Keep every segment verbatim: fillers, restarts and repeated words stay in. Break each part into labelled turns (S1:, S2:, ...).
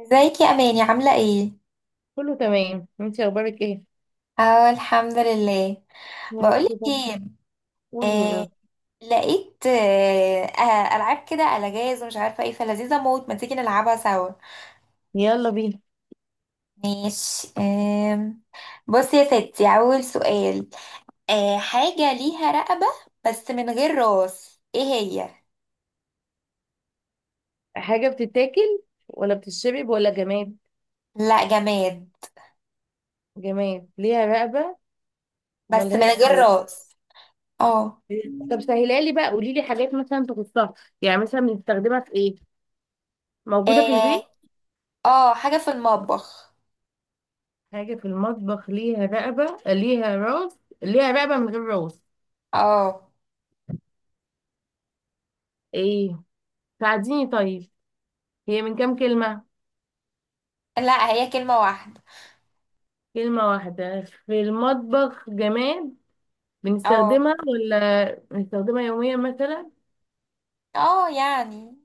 S1: ازيك يا اماني، عامله ايه؟
S2: كله تمام، انت اخبارك ايه؟
S1: اه، الحمد لله.
S2: يا رب
S1: بقولك
S2: ده.
S1: ايه؟
S2: قول يا
S1: آه.
S2: رب.
S1: لقيت آه آه، العاب كده على جاز ومش عارفه ايه، فلذيذه موت، ما تيجي نلعبها سوا؟
S2: يلا بينا.
S1: ماشي، آه. بصي يا ستي، اول سؤال. آه حاجه ليها رقبه، بس من غير راس، ايه هي؟
S2: حاجه بتتاكل ولا بتشرب ولا جماد؟
S1: لا، جماد.
S2: جماد ليها رقبه
S1: بس من
S2: وملهاش
S1: غير
S2: فوق.
S1: راس. اه،
S2: طب سهلها لي بقى، قولي لي حاجات مثلا تخصها. يعني مثلا بنستخدمها في ايه؟ موجوده في البيت؟
S1: اه. آه، حاجه في المطبخ.
S2: حاجه في المطبخ ليها رقبه، ليها راس، ليها رقبه من غير راس؟
S1: اه،
S2: ايه، ساعديني طيب. هي من كام كلمه؟
S1: لا هي كلمه واحده.
S2: كلمه واحده؟ في المطبخ جماد.
S1: اه،
S2: بنستخدمها ولا بنستخدمها يوميا مثلا؟
S1: اه، يعني.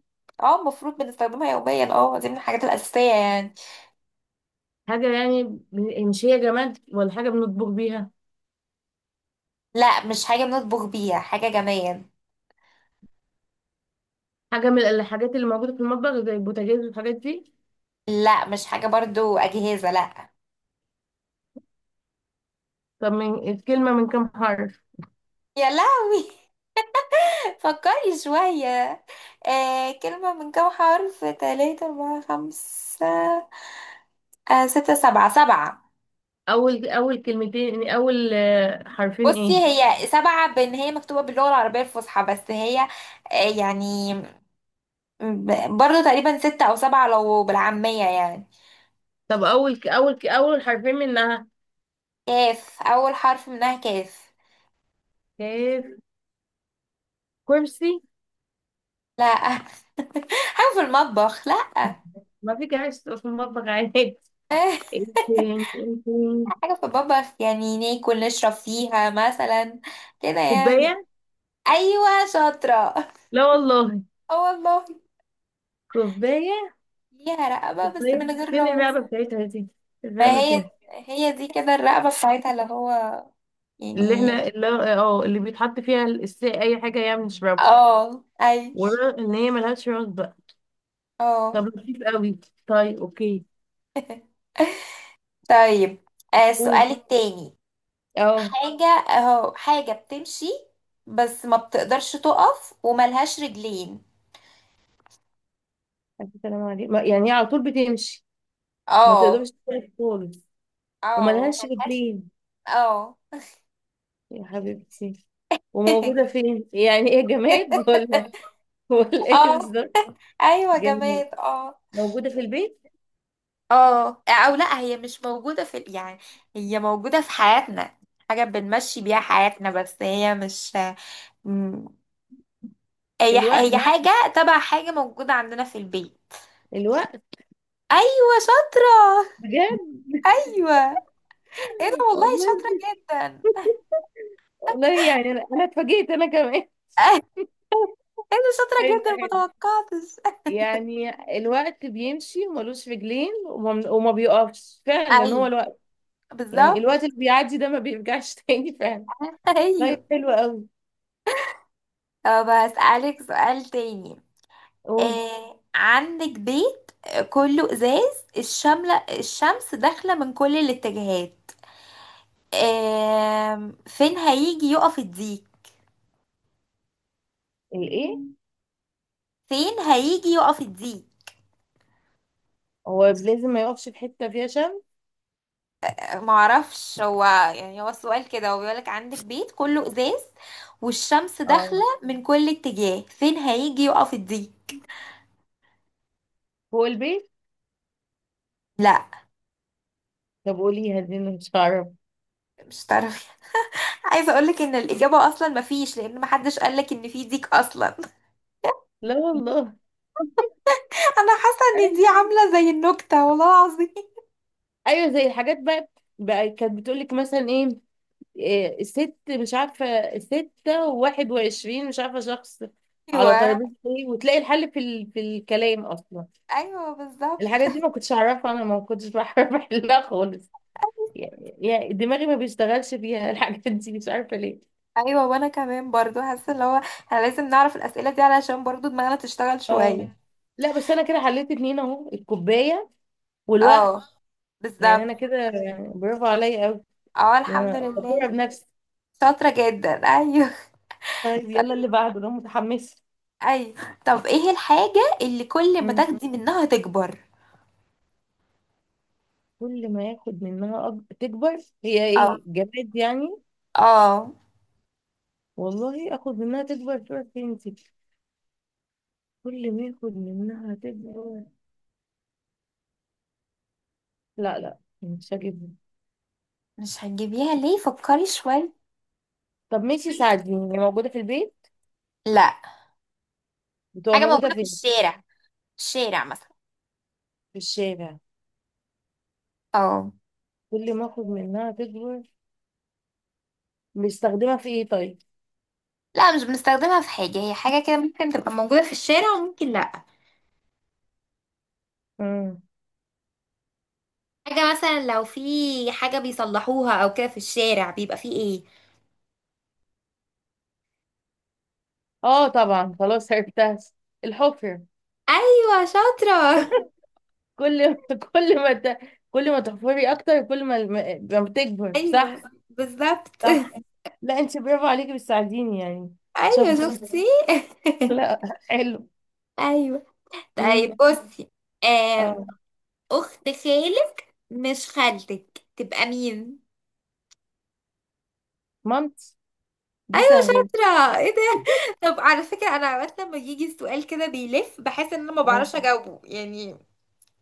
S1: اه، المفروض بنستخدمها يوميا، اه دي من الحاجات الأساسية يعني.
S2: حاجة يعني، من- مش هي جماد ولا حاجة بنطبخ بيها؟
S1: لا، مش حاجة بنطبخ بيها، حاجة جمال.
S2: حاجة من الحاجات اللي موجودة في المطبخ زي البوتاجاز والحاجات دي؟
S1: لا، مش حاجة برضو أجهزة، لا.
S2: طب من الكلمة من كام حرف؟
S1: يا لهوي! فكري شوية. آه كلمة من كام حرف؟ تلاتة، أربعة، خمسة. آه ستة، سبعة، سبعة.
S2: أول أول كلمتين يعني، أول آه، حرفين
S1: بصي،
S2: إيه؟
S1: هي سبعة بإن هي مكتوبة باللغة العربية الفصحى، بس هي. آه يعني، ب- برضو تقريبا ستة أو سبعة لو بالعامية يعني.
S2: طب أول ك- أول ك- أول حرفين منها؟
S1: كاف، أول حرف منها كاف.
S2: كيف؟ كرسي؟
S1: لا. حاجة في المطبخ، لا.
S2: ما في كراسي في المطبخ عادي. إيه تاني؟ إيه تاني؟
S1: حاجة في المطبخ، يعني ناكل نشرب فيها مثلا، كده يعني.
S2: كوباية؟
S1: أيوة، شاطرة.
S2: لا والله.
S1: اه والله.
S2: كوباية؟
S1: ليها رقبة، بس من
S2: كوباية
S1: غير
S2: فين
S1: راس.
S2: اللعبة بتاعتها دي؟
S1: ما
S2: اللعبة
S1: هي،
S2: فين؟
S1: هي دي كده الرقبة بتاعتها، اللي هو،
S2: اللي
S1: يعني.
S2: احنا اللي اه، اللي بيتحط فيها الس- اي حاجه يعني نشربها؟
S1: اه، أيوة.
S2: ورا ان هي ملهاش راس بقى.
S1: اه.
S2: طب لطيف قوي. طيب اوكي.
S1: طيب. آه،
S2: قول.
S1: السؤال التاني.
S2: اه.
S1: حاجة اهو، حاجة بتمشي، بس ما بتقدرش تقف وملهاش رجلين.
S2: الف سلام عليك. ما- يعني هي على طول بتمشي؟ ما
S1: اه.
S2: تقدرش تقف خالص؟
S1: اه،
S2: وملهاش
S1: وملهاش.
S2: رجلين؟
S1: اه.
S2: يا حبيبتي. وموجودة فين؟ يعني ايه، جماد ولا ولا ايه
S1: اه.
S2: بالظبط؟
S1: ايوه،
S2: جماد؟
S1: جماد، اه.
S2: موجودة في البيت؟
S1: اه، او لا، هي مش موجودة في ال-، يعني. هي موجودة في حياتنا، حاجة بنمشي بيها حياتنا، بس هي مش. م-. هي ح-
S2: الوقت.
S1: هي حاجة تبع حاجة موجودة عندنا في البيت.
S2: الوقت.
S1: ايوه، شاطرة.
S2: بجد؟
S1: ايوه. ايه ده، والله شاطرة
S2: والله.
S1: جدا.
S2: والله يعني انا أنا اتفاجئت انا كمان.
S1: ايه ده، شاطرة
S2: حلو
S1: جدا،
S2: حلو
S1: متوقعتش.
S2: يعني. الوقت بيمشي وملوش رجلين وما, وما بيقفش فعلا، هو
S1: ايوه،
S2: الوقت. يعني
S1: بالظبط.
S2: الوقت اللي بيعدي ده ما بيرجعش تاني فعلا.
S1: ايوه.
S2: طيب حلو قوي.
S1: طب هسألك سؤال تاني.
S2: قول.
S1: آه عندك بيت، آه، كله ازاز، الشملة الشمس داخلة من كل الاتجاهات. آه فين هيجي يقف الديك؟
S2: الايه؟
S1: فين هيجي يقف الديك؟
S2: هو لازم ما يقفش في حته فيها شمس؟
S1: آه، معرفش هو. يعني هو السؤال كده، هو بيقولك عندك بيت كله ازاز والشمس
S2: اه،
S1: داخلة من كل اتجاه، فين هيجي يقف الديك؟
S2: فوق البيت.
S1: لا.
S2: طب قوليها دي انا مش هعرف.
S1: مش تعرفي؟ عايزة اقولك ان الاجابة اصلا مفيش، لان محدش قالك ان في ديك اصلا.
S2: لا والله
S1: انا حاسة ان
S2: ايوه.
S1: دي عاملة زي النكتة، والله العظيم.
S2: أيوة، زي الحاجات بقى، بقى كانت بتقول لك مثلا ايه. إيه، ست مش عارفه، ستة وواحد وعشرين مش عارفه شخص على
S1: ايوه.
S2: ترابيزه ايه، وتلاقي الحل في ال... في الكلام اصلا.
S1: ايوه، بالظبط.
S2: الحاجات دي ما كنتش اعرفها، انا ما كنتش بعرف احلها خالص. يعني دماغي ما بيشتغلش فيها الحاجات دي، مش عارفة ليه.
S1: ايوه، وانا كمان برضو حاسه اللي هو احنا لازم نعرف الاسئله دي علشان برضو دماغنا تشتغل
S2: اه.
S1: شويه.
S2: لا بس انا كده حليت اتنين اهو، الكوباية والوقت.
S1: اه،
S2: يعني
S1: بالظبط.
S2: انا كده يعني برافو عليا قوي،
S1: اه، الحمد لله.
S2: فخورة بنفسي.
S1: شاطره جدا، ايوه.
S2: طيب يلا اللي بعده، انا متحمسة.
S1: ايوه. طب، ايه الحاجه اللي كل ما
S2: مم.
S1: تاخدي منها تكبر؟
S2: كل ما ياخد منها أك... تكبر. هي
S1: اه.
S2: ايه، جماد يعني؟
S1: اه،
S2: والله اخد منها تكبر تروح فين دي؟ كل ما ياخد منها تكبر. لا لا، مش هجيبها.
S1: مش هتجيبيها ليه؟ فكري شويه.
S2: طب ماشي ساعديني، هي موجودة في البيت؟
S1: لا،
S2: بتبقى
S1: حاجه
S2: موجودة
S1: موجوده في
S2: فين؟
S1: الشارع، في الشارع مثلا.
S2: في الشارع.
S1: اه.
S2: كل ما اخد منها تكبر، بيستخدمها في ايه طيب؟
S1: لا، مش بنستخدمها في حاجه، هي حاجه كده ممكن تبقى موجوده في الشارع وممكن لا.
S2: امم.
S1: حاجة مثلا لو في حاجة بيصلحوها او كده في الشارع، بيبقى فيه ايه؟
S2: اه طبعا، خلاص عرفتها. الحفر.
S1: ايوه، شاطرة.
S2: كل، كل ما ت... كل ما تحفري اكتر، كل ما الم- ما بتكبر،
S1: ايوه،
S2: صح؟
S1: بالظبط.
S2: صح. لا انت برافو عليكي، بتساعديني يعني.
S1: ايوه،
S2: شاطر.
S1: شفتي.
S2: لا. حلو.
S1: ايوه. طيب
S2: امم.
S1: بصي. آم،
S2: اه.
S1: اخت خالك، مش خالتك، تبقى مين؟
S2: مامتي. دي
S1: ايوه،
S2: سهله.
S1: شاطرة، ايه ده. طب على فكرة، انا اوقات لما يجي السؤال كده بيلف بحس ان انا ما
S2: اه.
S1: بعرفش اجاوبه يعني.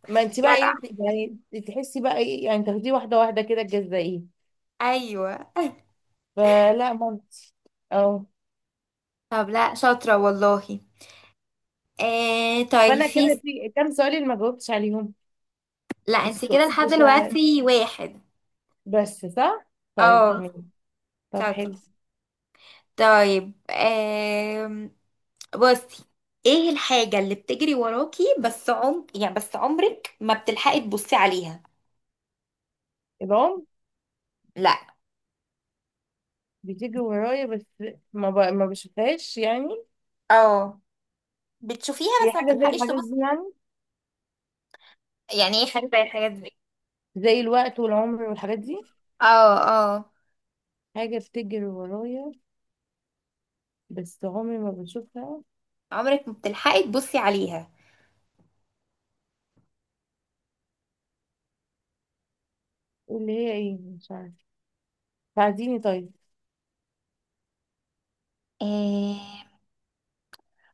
S2: ما انت بقى
S1: جدع.
S2: ايه يعني؟ تحسي بقى ايه يعني، تاخديه واحده واحده كده، تجزئيه.
S1: ايوه.
S2: فلا مامتي. اه.
S1: طب لا، شاطرة والله. آه طيب،
S2: وانا
S1: في.
S2: كده في كام سؤال اللي ما جاوبتش عليهم؟
S1: لا، انت
S2: السؤال
S1: كده لحد
S2: بتاع،
S1: دلوقتي واحد.
S2: بس صح. طيب
S1: اه.
S2: ماشي. طب
S1: شاطر.
S2: حلو.
S1: طيب، آم، بصي. ايه الحاجة اللي بتجري وراكي، بس عم يعني بس عمرك ما بتلحقي تبصي عليها؟
S2: العمر؟
S1: لا.
S2: بتيجي ورايا بس ما ب... ما بشوفهاش يعني.
S1: اه، بتشوفيها
S2: هي
S1: بس ما
S2: حاجة زي
S1: بتلحقيش
S2: الحاجات
S1: تبصي.
S2: دي يعني؟
S1: يعني ايه حاجة زي الحاجات دي؟
S2: زي الوقت والعمر والحاجات دي.
S1: اه، اه.
S2: حاجة بتجري ورايا بس عمري ما بشوفها.
S1: عمرك ما بتلحقي تبصي عليها.
S2: اللي هي ايه؟ مش عارفة، ساعديني طيب.
S1: إيه؟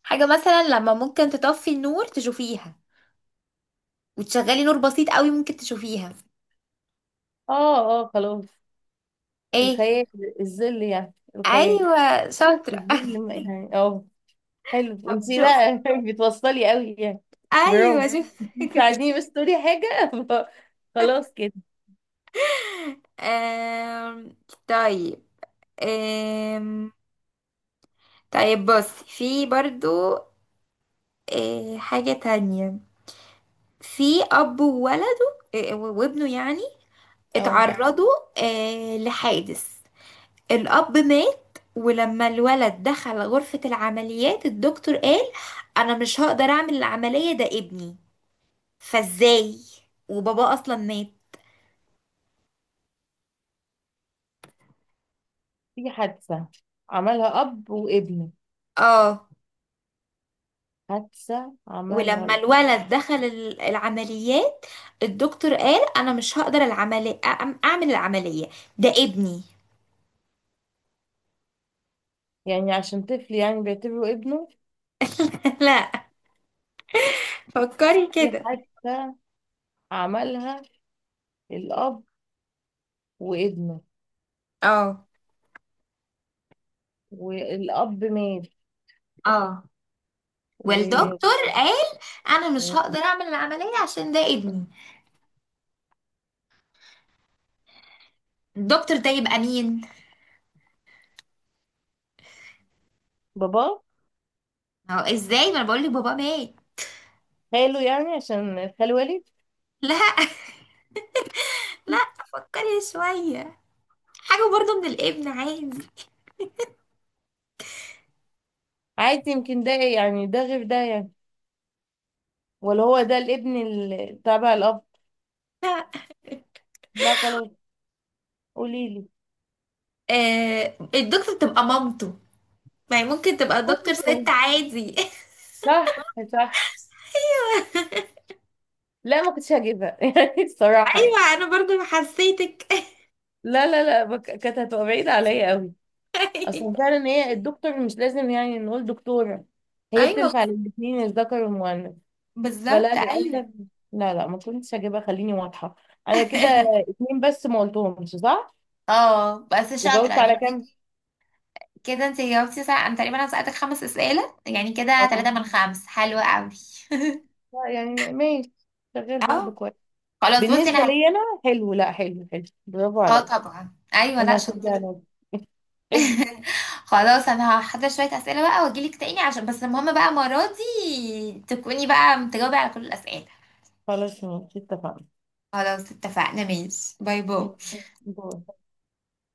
S1: حاجة مثلا لما ممكن تطفي النور تشوفيها، وتشغلي نور بسيط قوي ممكن تشوفيها.
S2: اه اه خلاص.
S1: ايه.
S2: الخيال. الظل يعني الخيال.
S1: ايوه، شاطرة.
S2: الظل ما- يعني اه. حلو
S1: طب
S2: انتي،
S1: شوف.
S2: لا بتوصلي قوي يعني. برافو.
S1: ايوه، شوف.
S2: انتي بتساعديني بس تقولي حاجة. خلاص كده.
S1: آم، طيب. آم، طيب، بص في برضو. آه، حاجة تانية. في أب وولده آه، وابنه، يعني.
S2: اه.
S1: اتعرضوا، آه، لحادث. الأب مات، ولما الولد دخل غرفة العمليات، الدكتور قال أنا مش هقدر أعمل العملية، ده ابني. فازاي؟ وبابا أصلا مات؟
S2: في حادثة عملها أب وابنه.
S1: اه.
S2: حادثة عملها
S1: ولما
S2: ال-
S1: الولد دخل ال- العمليات، الدكتور قال انا مش هقدر العملي أعم- اعمل العملية، ده ابني.
S2: يعني عشان طفل يعني بيعتبره ابنه؟
S1: لا، فكري
S2: في
S1: كده.
S2: حادثة عملها الأب وابنه،
S1: اه.
S2: والأب مات.
S1: اه. والدكتور قال انا مش هقدر اعمل العملية عشان ده ابني، الدكتور ده يبقى مين؟
S2: وباباه،
S1: هو ازاي، ما انا بقول لك بابا مات.
S2: خاله يعني عشان خال والد؟
S1: لا. لا، فكري شوية. حاجة برضو من الابن، عادي.
S2: عادي يمكن ده يعني، ده غير ده يعني؟ ولا هو ده الابن ال- تبع الأب؟ لا خلاص، قوليلي.
S1: آه الدكتور تبقى مامته، ما هي ممكن تبقى الدكتور
S2: أوه،
S1: ست عادي.
S2: صح صح. لا ما كنتش هجيبها يعني الصراحة يعني.
S1: ايوه، انا برضو حسيتك.
S2: لا لا لا، بك- كانت هتبقى بعيدة عليا قوي. اصلا فعلا هي الدكتور مش لازم يعني نقول دكتورة، هي
S1: ايوه، بس-
S2: بتنفع للاتنين، الذكر والمؤنث. فلا
S1: بالظبط،
S2: للاسف.
S1: ايوه.
S2: لا لا، ما كنتش هجيبها خليني واضحة. انا كده اتنين بس ما قلتهمش صح.
S1: اه، بس شاطره
S2: وجاوبت
S1: يعني،
S2: على كام؟
S1: اديكي. كده انت جاوبتي صح، انا تقريبا انا سالتك خمس اسئله، يعني كده
S2: اه.
S1: ثلاثة من خمس حلوه قوي.
S2: لا يعني ماشي، شغال برضه
S1: اه.
S2: كويس.
S1: خلاص بصي، انا
S2: بالنسبة
S1: هل-.
S2: لي انا حلو، لا حلو حلو برافو
S1: اه،
S2: عليا.
S1: طبعا، ايوه لا،
S2: انا هشجع
S1: شطور.
S2: نفسي. حلو.
S1: خلاص، انا هحضر شويه اسئله بقى واجيلك تاني، عشان بس المهم بقى المره دي تكوني بقى متجاوبه على كل الاسئله.
S2: خلاص ماشي اتفقنا.
S1: خلاص اتفقنا، ماشي، باي باي.
S2: دور.